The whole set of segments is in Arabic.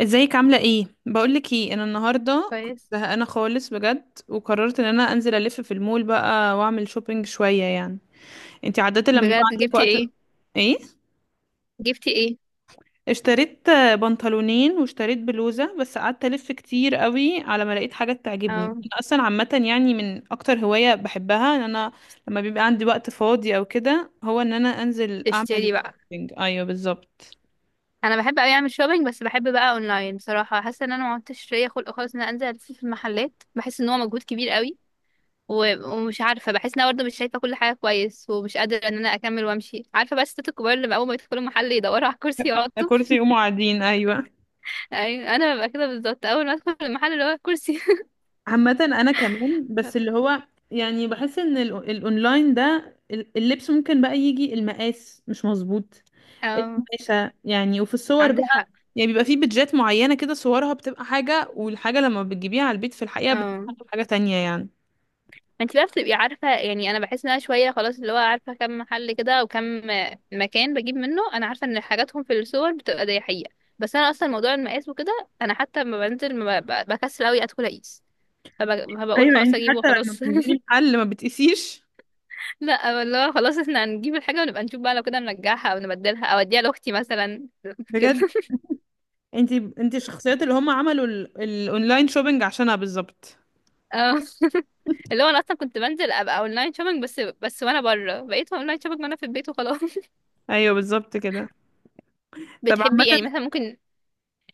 ازيك عاملة ايه؟ بقولك ايه، انا النهاردة كنت كويس. زهقانة خالص بجد، وقررت ان انا انزل الف في المول بقى واعمل شوبينج شوية يعني. انتي عادة لما بيبقى بجد عندك جبتي وقت ايه؟ ايه؟ جبتي ايه؟ اشتريت بنطلونين واشتريت بلوزة، بس قعدت الف كتير قوي على ما لقيت حاجة تعجبني. اه، انا اصلا عامة يعني من اكتر هواية بحبها ان انا لما بيبقى عندي وقت فاضي او كده، هو ان انا انزل اعمل تشتري بقى. شوبينج. ايوه بالظبط. انا بحب اوي اعمل شوبينج بس بحب بقى اونلاين بصراحه. حاسه ان انا ما عدتش ليا خلق خالص ان انا انزل الف في المحلات، بحس ان هو مجهود كبير قوي. ومش عارفه، بحس ان انا برضه مش شايفه كل حاجه كويس، ومش قادره ان انا اكمل وامشي، عارفه؟ بس الستات الكبار اللي اول ما يدخلوا محل يدوروا على كرسي يقعدوا. كرسي يقوموا قاعدين، ايوه. ايوه، انا ببقى كده بالظبط. اول ما ادخل المحل اللي هو كرسي. عامة انا كمان بس اللي هو، يعني بحس ان الاونلاين ده، اللبس ممكن بقى يجي المقاس مش مظبوط، اه القماشة يعني. وفي الصور عندك بقى، حق. يعني بيبقى في بيدجات معينة كده صورها بتبقى حاجة، والحاجة لما بتجيبيها على البيت في الحقيقة اه. بتبقى حاجة تانية يعني. انت بقى بتبقي عارفه يعني. انا بحس ان انا شويه خلاص، اللي هو عارفه كم محل كده او كم مكان بجيب منه. انا عارفه ان حاجاتهم في السوبر، بتبقى دي حقيقه. بس انا اصلا موضوع المقاس وكده، انا حتى لما بنزل ما بكسل قوي ادخل اقيس. فبقول ايوه، خلاص انت اجيبه حتى لما خلاص. بتنزلي محل ما بتقيسيش. لا والله خلاص، احنا هنجيب الحاجه ونبقى نشوف بقى، لو كده نرجعها او نبدلها او اديها لاختي مثلا. كده. بجد. انت انت الشخصيات اللي هم عملوا الاونلاين شوبينج عشانها بالظبط. اه. اللي هو انا اصلا كنت بنزل ابقى اونلاين شوبينج بس، وانا بره. بقيت اونلاين شوبينج وانا في البيت وخلاص. ايوه بالظبط كده. طب عامة، بتحبي يعني مثلا ممكن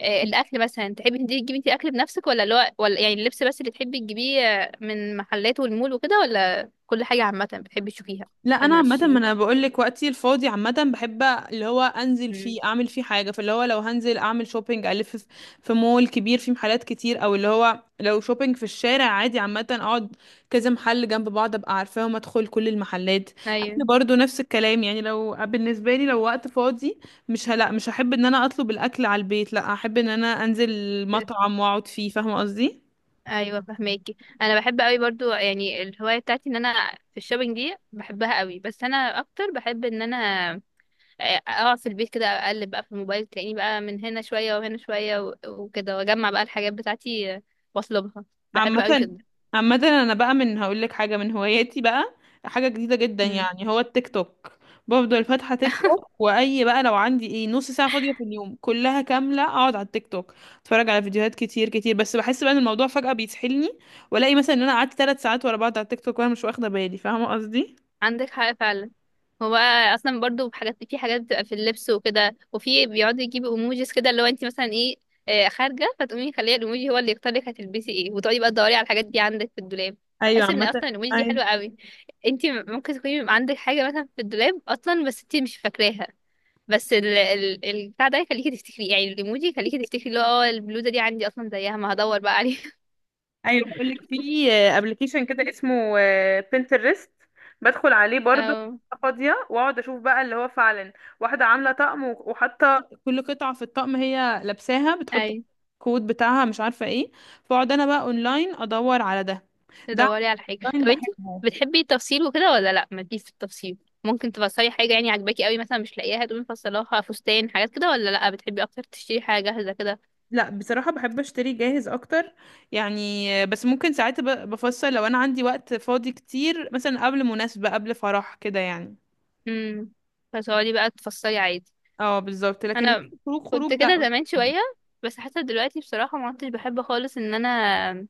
الاكل مثلا تحبي تجيبي انت اكل بنفسك، ولا اللي هو، ولا يعني اللبس بس اللي تحبي تجيبيه من محلات والمول وكده؟ ولا كل حاجه عامه بتحبي تشوفيها لا قبل انا ما عامه، ما تشتريها؟ انا بقول لك وقتي الفاضي عامه بحب اللي هو انزل مم. فيه اعمل فيه حاجه، فاللي هو لو هنزل اعمل شوبينج الف في في مول كبير فيه محلات كتير، او اللي هو لو شوبينج في الشارع عادي عامه اقعد كذا محل جنب بعض ابقى عارفاهم ادخل كل المحلات. اكل ايوه. برضو نفس الكلام يعني، لو بالنسبه لي لو وقت فاضي مش هلا مش هحب ان انا اطلب الاكل على البيت، لا احب ان انا انزل مطعم واقعد فيه. فاهمه قصدي؟ ايوه فهماكي. انا بحب قوي برضو يعني، الهوايه بتاعتي ان انا في الشوبينج دي بحبها قوي. بس انا اكتر بحب ان انا اقعد في البيت كده اقلب بقى في الموبايل، تلاقيني بقى من هنا شويه وهنا شويه وكده، واجمع بقى الحاجات بتاعتي واطلبها. بحب قوي عامة. كده. عامة انا بقى من هقول لك حاجة من هواياتي بقى، حاجة جديدة جدا مم. يعني، هو التيك توك. بفضل فاتحة تيك توك، واي بقى لو عندي ايه نص ساعة فاضية في اليوم كلها كاملة اقعد على التيك توك اتفرج على فيديوهات كتير كتير، بس بحس بقى ان الموضوع فجأة بيسحلني، والاقي مثلا ان انا قعدت 3 ساعات ورا بعض على التيك توك وانا مش واخدة بالي. فاهمة قصدي؟ عندك حق فعلا. هو بقى اصلا برضو حاجات، في حاجات بتبقى في اللبس وكده، وفي بيقعدوا يجيبوا ايموجيز كده، اللي هو انت مثلا ايه خارجه، فتقومي خليه الايموجي هو اللي يختار لك هتلبسي ايه، وتقعدي بقى تدوري على الحاجات دي عندك في الدولاب. ايوه بحس ان اصلا عامة. الايموجي دي ايوه. حلوه قوي. انت ممكن تكوني عندك حاجه مثلا في الدولاب اصلا بس انت مش فاكراها، بس ال البتاع ده يخليكي تفتكري، يعني الايموجي يخليكي تفتكري اللي هو البلوزه دي عندي اصلا زيها، ما هدور بقى عليها. ايوه بقول لك في ابلكيشن كده اسمه بنترست، بدخل عليه برضو اه. فاضيه واقعد اشوف بقى اللي هو فعلا واحده عامله طقم، وحاطه كل قطعه في الطقم هي لابساها، بتحط اي. الكود بتاعها مش عارفه ايه. فاقعد انا بقى اونلاين ادور على ده. ده تدوري على حاجة. اونلاين طب انتي بحبه. بتحبي التفصيل وكده ولا لا، مالكيش في التفصيل؟ ممكن تفصلي حاجة يعني عجباكي قوي مثلا مش لاقياها تقومي مفصلاها فستان حاجات كده، ولا لا بتحبي اكتر تشتري حاجة جاهزة كده؟ لا بصراحه بحب اشتري جاهز اكتر يعني، بس ممكن ساعات بفصل لو انا عندي وقت فاضي كتير، مثلا قبل مناسبه قبل فرح كده يعني. امم فتقعدي بقى تفصلي عادي. اه بالظبط. لكن لأ، انا خروج خروج كنت كده لا. زمان شوية. بس حتى دلوقتي بصراحة ما عدتش بحب خالص ان انا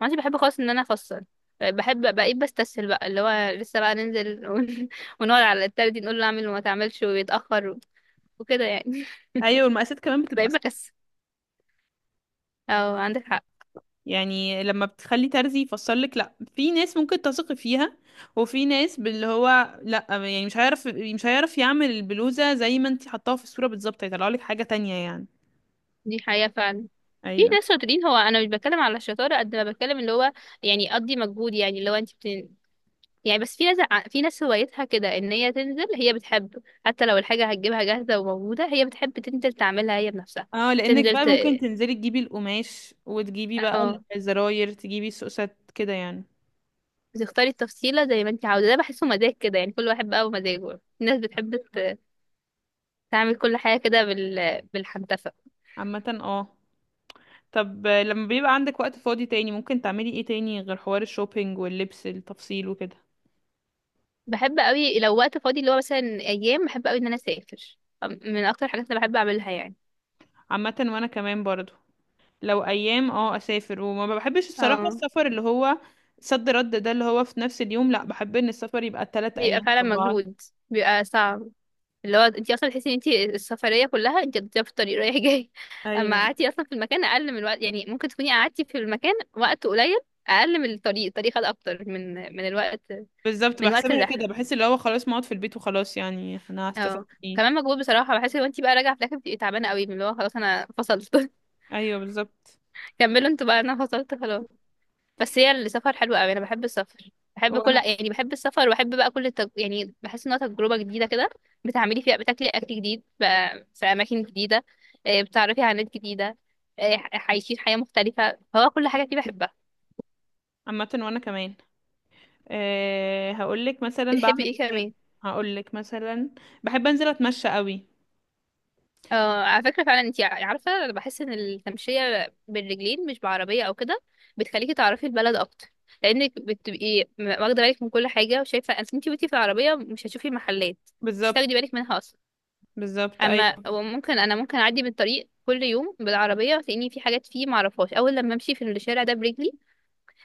ما عدتش بحب خالص ان انا افصل. بحب بقيت بستسهل بقى، اللي هو لسه بقى ننزل ونقعد على التالت نقول له اعمل وما تعملش ويتأخر وكده يعني. ايوه المقاسات كمان بتبقى بقيت صح. بكسل. اه عندك حق. يعني لما بتخلي ترزي يفسر لك، لا في ناس ممكن تثقي فيها، وفي ناس باللي هو لا يعني مش هيعرف يعمل البلوزه زي ما انت حطاها في الصوره بالظبط، هيطلع لك حاجه تانية يعني. دي حقيقة فعلا. في ايوه. ناس شاطرين، هو انا مش بتكلم على الشطارة قد ما بتكلم اللي هو، يعني اقضي مجهود، يعني اللي هو انت يعني. بس في ناس في ناس هوايتها كده، ان هي تنزل، هي بتحب حتى لو الحاجة هتجيبها جاهزة وموجودة، هي بتحب تنزل تعملها هي بنفسها. اه لانك تنزل بقى ت... ممكن تنزلي تجيبي القماش، وتجيبي بقى اه. الزراير، تجيبي السوسات كده يعني. بتختاري التفصيلة زي ما انت عاوزة، ده بحسه مزاج كده يعني كل واحد بقى ومزاجه، في ناس بتحب تعمل كل حاجة كده بالحنتفة. عامه اه. طب لما بيبقى عندك وقت فاضي تاني، ممكن تعملي ايه تاني غير حوار الشوبينج واللبس التفصيل وكده؟ بحب قوي لو وقت فاضي، اللي هو مثلا ايام، بحب قوي ان انا اسافر، من اكتر الحاجات اللي بحب اعملها يعني. عامه وانا كمان برضو، لو ايام اه اسافر، وما بحبش الصراحه اه. السفر اللي هو صد رد ده اللي هو في نفس اليوم، لا بحب ان السفر يبقى ثلاث بيبقى ايام فعلا طبعا. مجهود، بيبقى صعب. اللي هو انت اصلا تحسي ان انت السفريه كلها انت بتبقي في الطريق رايح جاي. اما ايوه قعدتي اصلا في المكان اقل من الوقت، يعني ممكن تكوني قعدتي في المكان وقت قليل اقل من الطريق، الطريق خد اكتر من الوقت، بالظبط. من وقت بحسبها كده، الرحله. بحس اللي هو خلاص ما اقعد في البيت وخلاص، يعني انا هستفاد اه. ايه؟ كمان مجهود بصراحه، بحس ان انت بقى راجعه في الاخر بتبقي تعبانه قوي، من اللي هو خلاص، انا فصلت. ايوه بالظبط. كملوا انتوا بقى انا فصلت خلاص. بس هي السفر حلو قوي، انا بحب السفر. بحب كل وانا يعني بحب السفر، وبحب بقى كل يعني بحس انها تجربه جديده كده، بتعملي فيها، بتاكلي اكل جديد بقى في اماكن جديده، بتعرفي على ناس جديده عايشين حياه مختلفه، هو كل حاجه فيه بحبها. عامه وانا كمان. أه هقول لك مثلا بتحبي بعمل ايه ايه. كمان؟ هقول لك مثلا بحب انزل اتمشى قوي. اه على فكره فعلا. انتي عارفه، انا بحس ان التمشيه بالرجلين، مش بعربيه او كده، بتخليكي تعرفي البلد اكتر، لانك بتبقي واخده بالك من كل حاجه وشايفه. انت وانتي في العربيه مش هتشوفي محلات، مش بالظبط. هتاخدي بالك منها اصلا. بالظبط اما ايوه. وممكن انا ممكن اعدي من الطريق كل يوم بالعربيه، وتلاقيني في حاجات فيه ما اعرفهاش، اول لما امشي في الشارع ده برجلي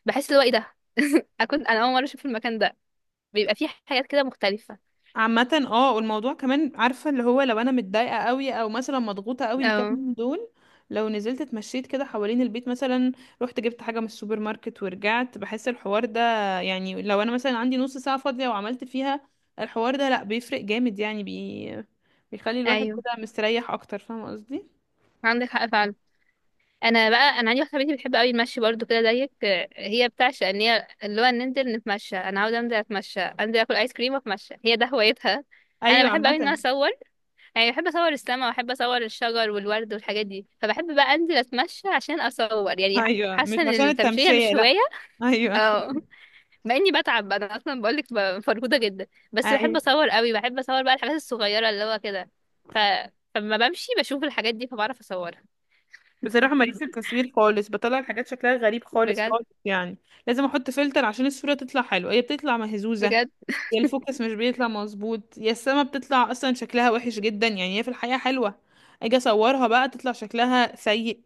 بحس اللي هو ايه ده؟ اكون انا اول مره اشوف المكان ده. بيبقى فيه حاجات كده مختلفه. عامة اه، والموضوع كمان عارفة اللي هو لو انا متضايقة قوي او مثلا مضغوطة قوي الكام اه. يوم دول، لو نزلت اتمشيت كده حوالين البيت مثلا، رحت جبت حاجة من السوبر ماركت ورجعت، بحس الحوار ده، يعني لو انا مثلا عندي نص ساعة فاضية وعملت فيها الحوار ده، لا بيفرق جامد يعني بيخلي الواحد ايوه كده مستريح اكتر. فاهمة قصدي؟ عندك حق فعلا. انا بقى، انا عندي واحده صاحبتي بتحب قوي المشي برضو كده زيك، هي بتعشق ان هي، اللي هو ننزل نتمشى، انا عاوزه انزل اتمشى، انزل اكل ايس كريم واتمشى، هي ده هوايتها. انا ايوه بحب قوي ان انا عامة. اصور، يعني بحب اصور السما، واحب اصور الشجر والورد والحاجات دي. فبحب بقى انزل اتمشى عشان اصور يعني، ايوه مش حاسه ان عشان التمشيه التمشية، مش لا. هوايه. ايوه. اه. مع اني بتعب انا اصلا، بقولك فرهوده جدا، بس بحب أيوة. اصور قوي، بحب اصور بقى الحاجات الصغيره اللي هو كده. ف... فلما بمشي بشوف الحاجات دي فبعرف اصورها. بصراحة ماليش في التصوير خالص، بطلع الحاجات شكلها غريب خالص بجد. خالص يعني، لازم احط فلتر عشان الصورة تطلع حلوة، هي بتطلع مهزوزة، بجد. يا الفوكس مش بيطلع مظبوط، يا السما بتطلع اصلا شكلها وحش جدا، يعني هي في الحقيقة حلوة، اجي اصورها بقى تطلع شكلها سيء،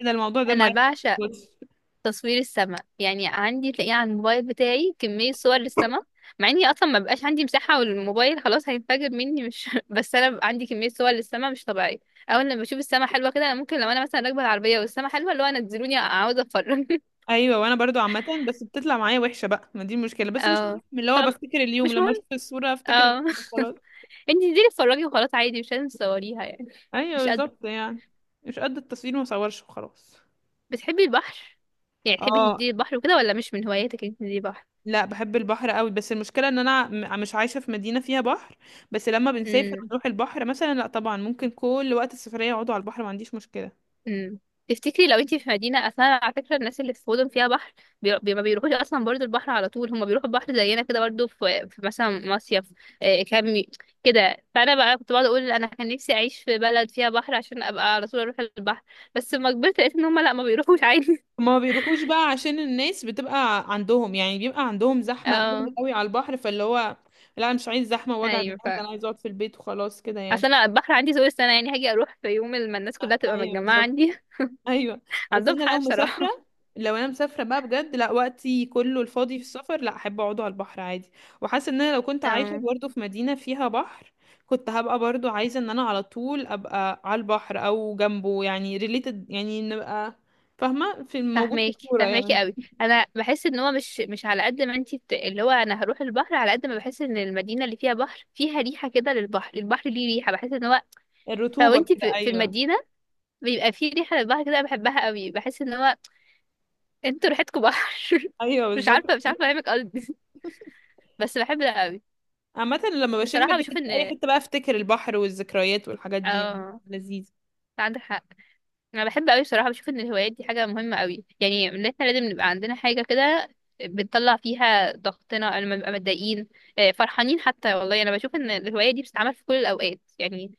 كده الموضوع ده انا معايا. بعشق بص. تصوير السماء، يعني عندي تلاقيه على الموبايل بتاعي كمية صور للسماء، مع اني اصلا ما بقاش عندي مساحة والموبايل خلاص هينفجر مني مش بس انا بقى عندي كمية صور للسماء مش طبيعية. اول لما بشوف السماء حلوة كده، انا ممكن لو انا مثلا راكبة العربية والسماء حلوة اللي هو، نزلوني عاوزة اتفرج. ايوه وانا برضو عامة، بس بتطلع معايا وحشة بقى، ما دي المشكلة، بس مش اه. مهم اللي هو خم... بفتكر اليوم مش لما مهم. اشوف الصورة افتكر اه. اليوم خلاص. انتي انزلي اتفرجي وخلاص عادي مش لازم تصوريها يعني. ايوه مش قد. بالظبط يعني. مش قد التصوير ما اصورش وخلاص. بتحبي البحر؟ يعني تحبي اه. تنزلي البحر وكده ولا مش من هواياتك انك تنزلي البحر؟ لا بحب البحر قوي، بس المشكله ان انا مش عايشه في مدينه فيها بحر، بس لما بنسافر امم ونروح البحر مثلا لا طبعا، ممكن كل وقت السفريه يقعدوا على البحر ما عنديش مشكله. امم تفتكري لو انتي في مدينة، اصلا على فكرة الناس اللي في مدن فيها بحر ما بيروحوش اصلا برضو البحر على طول، هما بيروحوا البحر زينا كده برضو في مثلا مصيف كامي كده. فانا بقى كنت بقعد اقول انا كان نفسي اعيش في بلد فيها بحر عشان ابقى على طول اروح البحر. بس لما كبرت لقيت ان هما لا، ما بيروحوش عادي. ما بيروحوش بقى عشان الناس بتبقى عندهم يعني، بيبقى عندهم زحمه قوي اه. قوي على البحر، فاللي هو لا انا مش عايز زحمه ووجع ايوه. دماغ، انا عايز اقعد في البيت وخلاص كده اصل يعني. انا البحر عندي طول السنة، يعني هاجي اروح في يوم لما الناس كلها تبقى ايوه متجمعة بالظبط. عندي. ايوه. بس عندهم انا حق لو بصراحة. مسافره، لو انا مسافره بقى بجد، لا وقتي كله الفاضي في السفر، لا احب اقعده على البحر عادي. وحاسه ان انا لو كنت عايشه اه. برضه في مدينه فيها بحر، كنت هبقى برضه عايزه ان انا على طول ابقى على البحر او جنبه، يعني ريليتد يعني، نبقى فاهمه في الموجود في فهماكي، الكوره فهماكي يعني. قوي. انا بحس ان هو مش مش على قد ما انتي اللي هو، انا هروح البحر على قد ما بحس ان المدينه اللي فيها بحر فيها ريحه كده للبحر، البحر ليه ريحه، بحس ان هو لو الرطوبه انتي كده في ايوه. المدينه بيبقى فيه ريحه للبحر كده، أنا بحبها قوي. بحس ان هو انتوا ريحتكم بحر. ايوه مش بالظبط. عارفه، افهمك قصدي؟ بس بحب ده قوي. عامه لما بشم بصراحه الريحه بشوف ان في اي حته بقى، افتكر البحر والذكريات والحاجات دي، يعني اه لذيذ. عندك حق. انا بحب قوي بصراحه، بشوف ان الهوايات دي حاجه مهمه قوي، يعني ان احنا لازم نبقى عندنا حاجه كده بنطلع فيها ضغطنا لما نبقى متضايقين، فرحانين حتى. والله انا بشوف ان الهوايه دي بتتعمل في كل الاوقات يعني،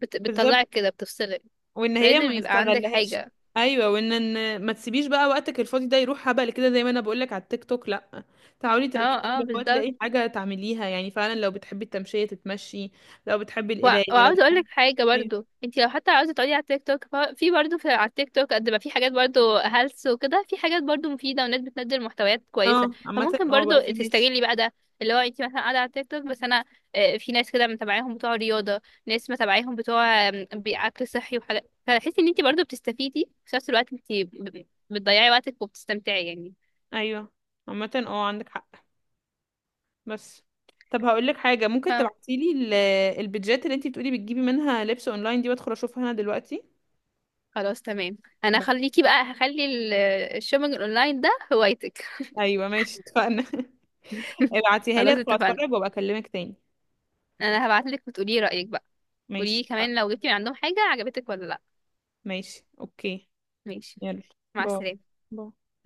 بالظبط. بتطلعك كده بتفصلك. وان هي لازم ما يبقى عندك نستغلهاش. حاجه. ايوه، وان ما تسيبيش بقى وقتك الفاضي ده يروح هبل كده، زي ما انا بقولك على التيك توك لا، تعالي اه. تركزي، اه لو بالظبط. تلاقي حاجه تعمليها يعني، فعلا لو بتحبي التمشيه تتمشي، لو بتحبي القرايه، لو وعاوزه اقول بتحبي. لك حاجه أيوة. برضو. انت لو حتى عاوزه تقعدي على التيك توك في برضو في على التيك توك قد ما في حاجات برضو هلس وكده، في حاجات برضو مفيده وناس بتنزل محتويات كويسه، اه عامه فممكن اه، برضو بقى في ناس. تستغلي بقى ده. اللي هو انت مثلا قاعده على التيك توك بس انا في ناس كده متابعاهم بتوع رياضه، ناس متابعاهم بتوع اكل صحي وحاجات، فتحسي ان انت برضو بتستفيدي في نفس الوقت، انت بتضيعي وقتك وبتستمتعي يعني. ايوه عامه اه عندك حق. بس، طب هقول لك حاجه، ممكن ف- تبعتيلي البيدجات اللي انتي بتقولي بتجيبي منها لبس اونلاين دي، وادخل اشوفها انا دلوقتي. خلاص تمام. انا بس. خليكي بقى، هخلي الشوبينج اونلاين ده هوايتك. ايوه ماشي اتفقنا ابعتيها لي خلاص ادخل اتفقنا. اتفرج وابقى اكلمك تاني. انا هبعتلك وتقولي رأيك بقى. ماشي. قولي كمان لو جبتي من عندهم حاجة عجبتك ولا لا. ماشي اوكي. ماشي. يلا. مع باي. السلامة. باي.